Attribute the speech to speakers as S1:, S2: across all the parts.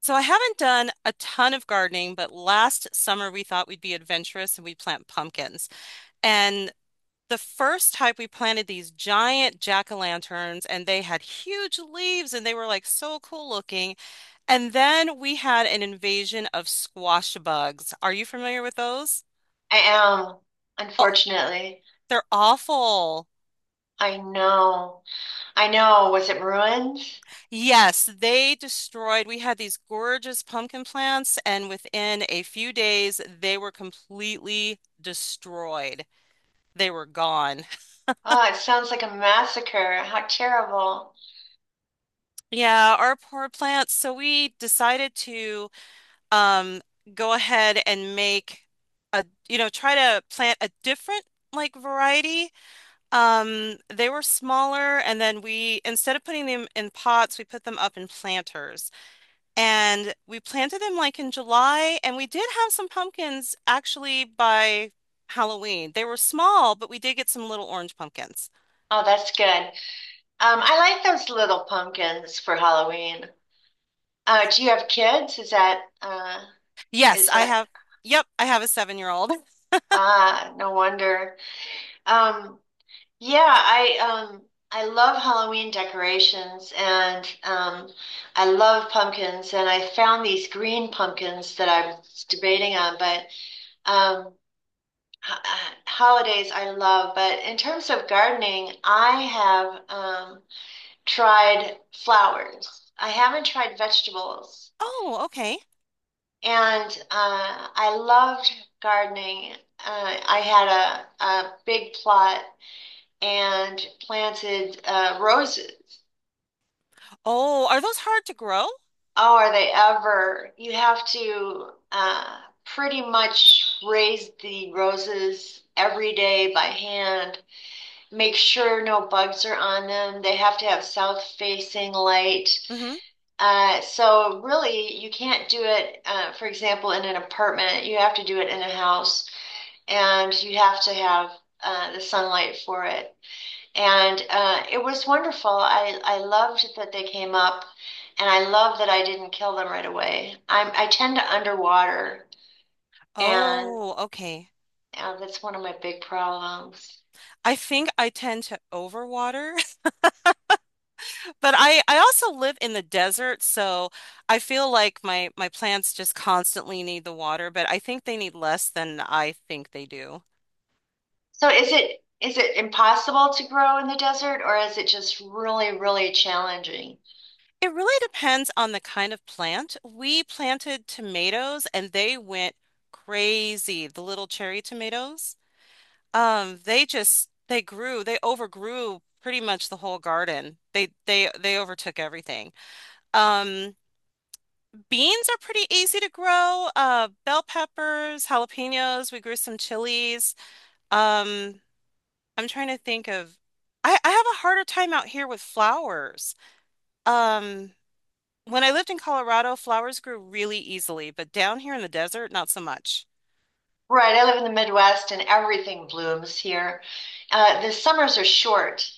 S1: So I haven't done a ton of gardening, but last summer we thought we'd be adventurous and we'd plant pumpkins. And the first type, we planted these giant jack-o'-lanterns and they had huge leaves and they were like so cool looking. And then we had an invasion of squash bugs. Are you familiar with those?
S2: I am,
S1: Oh,
S2: unfortunately.
S1: they're awful.
S2: I know. I know. Was it ruins?
S1: Yes, they destroyed. We had these gorgeous pumpkin plants, and within a few days, they were completely destroyed. They were gone.
S2: Oh, it sounds like a massacre. How terrible.
S1: Yeah, our poor plants. So we decided to um, go ahead and make a, try to plant a different like variety. They were smaller, and then we, instead of putting them in pots, we put them up in planters. And we planted them like in July, and we did have some pumpkins actually by Halloween. They were small, but we did get some little orange pumpkins.
S2: Oh, that's good. I like those little pumpkins for Halloween. Do you have kids?
S1: Yes,
S2: Is
S1: I
S2: that
S1: have. Yep, I have a seven-year-old.
S2: Ah, no wonder. Um, yeah, I love Halloween decorations and I love pumpkins, and I found these green pumpkins that I was debating on, but um holidays I love. But in terms of gardening, I have tried flowers. I haven't tried vegetables,
S1: Oh, okay.
S2: and I loved gardening. I had a big plot and planted roses.
S1: Oh, are those hard to grow?
S2: Oh, are they ever? You have to pretty much raise the roses every day by hand, make sure no bugs are on them. They have to have south facing light.
S1: Hmm.
S2: So really, you can't do it, for example, in an apartment. You have to do it in a house, and you have to have the sunlight for it. And it was wonderful. I loved that they came up, and I love that I didn't kill them right away. I tend to underwater, and
S1: Oh, okay.
S2: that's one of my big problems.
S1: I think I tend to overwater, but I also live in the desert, so I feel like my plants just constantly need the water, but I think they need less than I think they do.
S2: So is it impossible to grow in the desert, or is it just really, really challenging?
S1: It really depends on the kind of plant. We planted tomatoes and they went crazy, the little cherry tomatoes. They just they overgrew pretty much the whole garden. They overtook everything. Um, Beans are pretty easy to grow. Bell peppers, jalapenos, we grew some chilies. Um, I'm trying to think of I have a harder time out here with flowers. Um, when I lived in Colorado, flowers grew really easily, but down here in the desert, not so much.
S2: Right, I live in the Midwest and everything blooms here. The summers are short,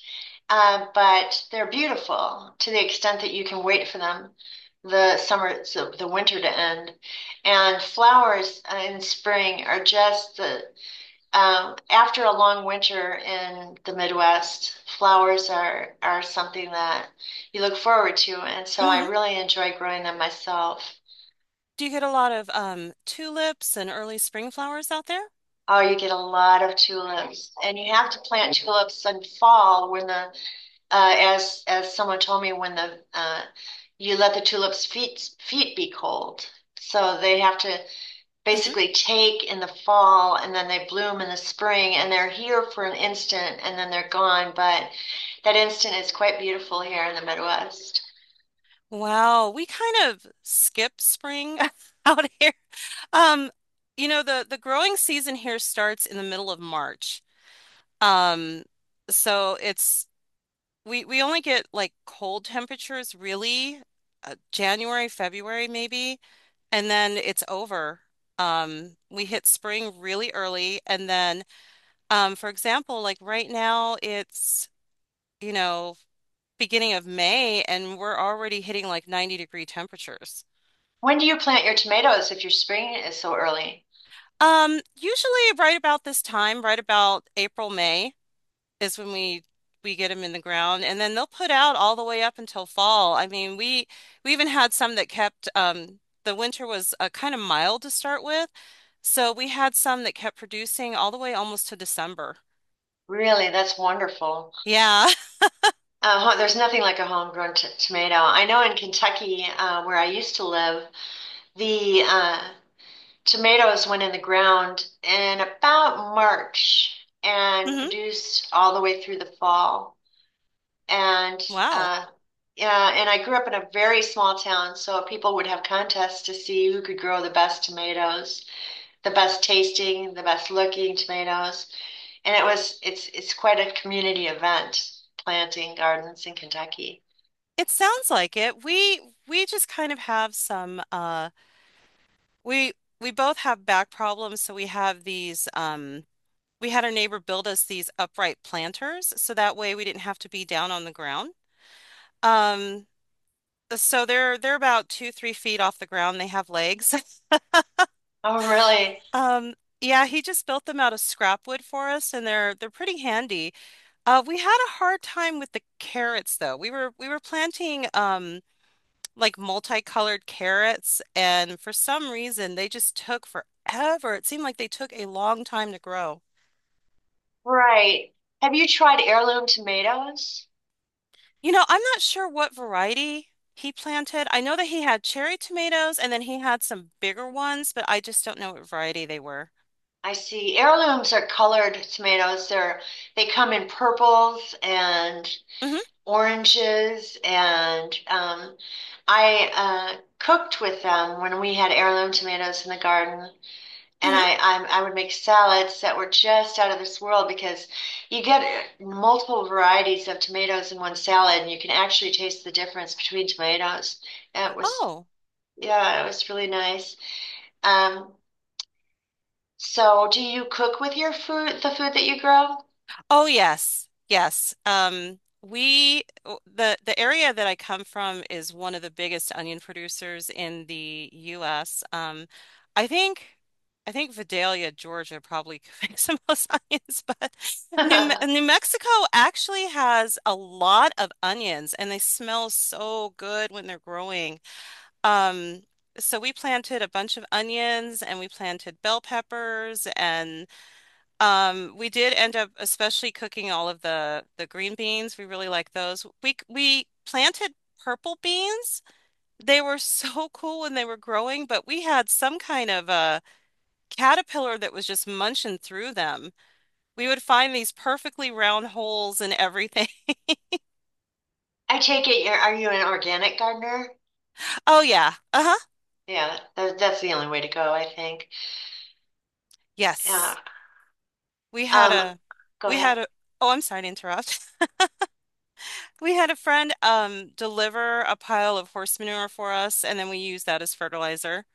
S2: but they're beautiful, to the extent that you can wait for them, the summer, so the winter to end. And flowers in spring are just the after a long winter in the Midwest, flowers are something that you look forward to, and so I
S1: Mm-hmm.
S2: really enjoy growing them myself.
S1: Do you get a lot of tulips and early spring flowers out there?
S2: Oh, you get a lot of tulips, and you have to plant tulips in fall when the as someone told me when the you let the tulips' feet be cold, so they have to
S1: Hmm.
S2: basically take in the fall, and then they bloom in the spring and they're here for an instant and then they're gone. But that instant is quite beautiful here in the Midwest.
S1: Wow, we kind of skip spring out here. Um, the growing season here starts in the middle of March. Um, so it's we only get like cold temperatures really January, February maybe, and then it's over. We hit spring really early, and then for example, like right now it's, you know, beginning of May and we're already hitting like 90-degree temperatures.
S2: When do you plant your tomatoes if your spring is so early?
S1: Usually right about this time, right about April, May, is when we get them in the ground and then they'll put out all the way up until fall. I mean, we even had some that kept the winter was kind of mild to start with, so we had some that kept producing all the way almost to December.
S2: Really, that's wonderful.
S1: Yeah.
S2: There's nothing like a homegrown tomato. I know in Kentucky, where I used to live, the tomatoes went in the ground in about March and
S1: Hmm.
S2: produced all the way through the fall. And
S1: Wow.
S2: uh, yeah, and I grew up in a very small town, so people would have contests to see who could grow the best tomatoes, the best tasting, the best looking tomatoes. And it was it's quite a community event, planting gardens in Kentucky.
S1: It sounds like it. We just kind of have some we we both have back problems, so we have these we had our neighbor build us these upright planters so that way we didn't have to be down on the ground. Um So they're about two, 3 feet off the ground. They have legs.
S2: Oh, really?
S1: Um, yeah, he just built them out of scrap wood for us, and they're pretty handy. We had a hard time with the carrots though. We were planting like multicolored carrots, and for some reason they just took forever. It seemed like they took a long time to grow.
S2: Right. Have you tried heirloom tomatoes?
S1: You know, I'm not sure what variety he planted. I know that he had cherry tomatoes, and then he had some bigger ones, but I just don't know what variety they were.
S2: I see. Heirlooms are colored tomatoes. They come in purples and
S1: Hmm.
S2: oranges, and I cooked with them when we had heirloom tomatoes in the garden. And
S1: Hmm.
S2: I would make salads that were just out of this world, because you get multiple varieties of tomatoes in one salad, and you can actually taste the difference between tomatoes. And it was
S1: Oh,
S2: yeah, it was really nice. Um, so do you cook with your food, the food that you grow?
S1: oh yes, yes. The area that I come from is one of the biggest onion producers in the U.S. I think I think Vidalia, Georgia, probably makes the most onions, but
S2: I
S1: New Mexico actually has a lot of onions, and they smell so good when they're growing. Um, so we planted a bunch of onions, and we planted bell peppers. We did end up especially cooking all of the green beans. We really like those. We planted purple beans. They were so cool when they were growing, but we had some kind of a caterpillar that was just munching through them. We would find these perfectly round holes in everything.
S2: take it you're, are you an organic gardener?
S1: Oh yeah. Uh-huh.
S2: Yeah, that, that's the only way to go, I think. Yeah.
S1: Yes. We had
S2: Um,
S1: a
S2: go
S1: we had
S2: ahead.
S1: a Oh, I'm sorry to interrupt. We had a friend deliver a pile of horse manure for us, and then we used that as fertilizer.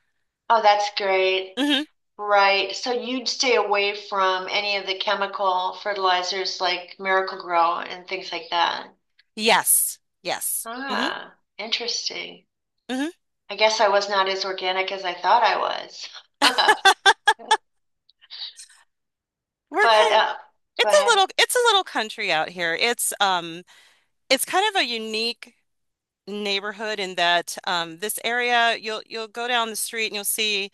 S2: Oh, that's great.
S1: Mhm.
S2: Right. So you'd stay away from any of the chemical fertilizers like Miracle-Gro and things like that.
S1: Yes. Yes. Hmm.
S2: Ah, interesting.
S1: Hmm.
S2: I guess I was not as organic as I thought I was.
S1: We're
S2: But
S1: kind
S2: go
S1: it's a
S2: ahead.
S1: little country out here. It's kind of a unique neighborhood in that this area you'll go down the street and you'll see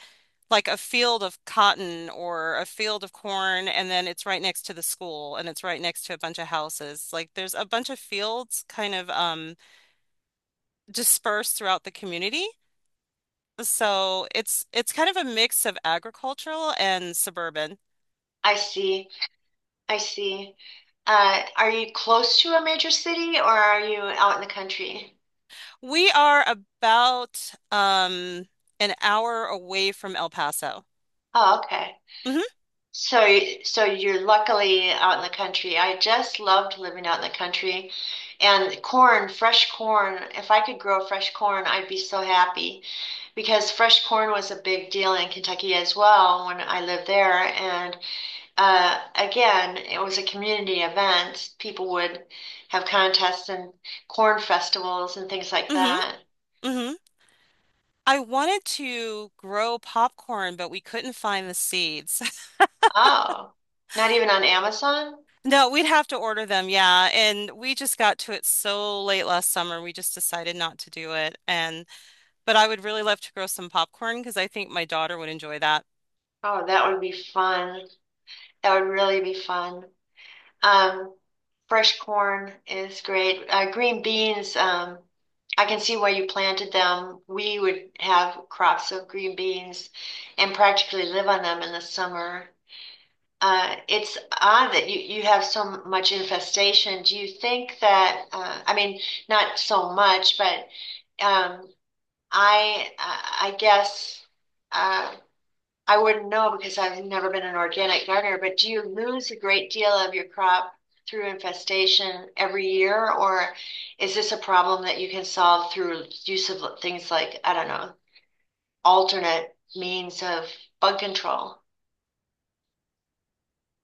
S1: like a field of cotton or a field of corn and then it's right next to the school and it's right next to a bunch of houses. Like there's a bunch of fields kind of dispersed throughout the community. So it's kind of a mix of agricultural and suburban.
S2: I see. I see. Are you close to a major city, or are you out in the country?
S1: We are about an hour away from El Paso.
S2: Oh, okay.
S1: Hmm.
S2: So, so you're luckily out in the country. I just loved living out in the country. And corn, fresh corn, if I could grow fresh corn, I'd be so happy, because fresh corn was a big deal in Kentucky as well when I lived there. And again, it was a community event. People would have contests and corn festivals and things like
S1: Hmm.
S2: that.
S1: Hmm. I wanted to grow popcorn, but we couldn't find the seeds.
S2: Oh, not even on Amazon?
S1: No, we'd have to order them, yeah. And we just got to it so late last summer, we just decided not to do it. And but I would really love to grow some popcorn because I think my daughter would enjoy that.
S2: Oh, that would be fun. That would really be fun. Um, fresh corn is great. Green beans, I can see why you planted them. We would have crops of green beans and practically live on them in the summer. It's odd that you have so much infestation. Do you think that, I mean, not so much, but um, I guess. uh, I wouldn't know, because I've never been an organic gardener, but do you lose a great deal of your crop through infestation every year, or is this a problem that you can solve through use of things like, I don't know, alternate means of bug control?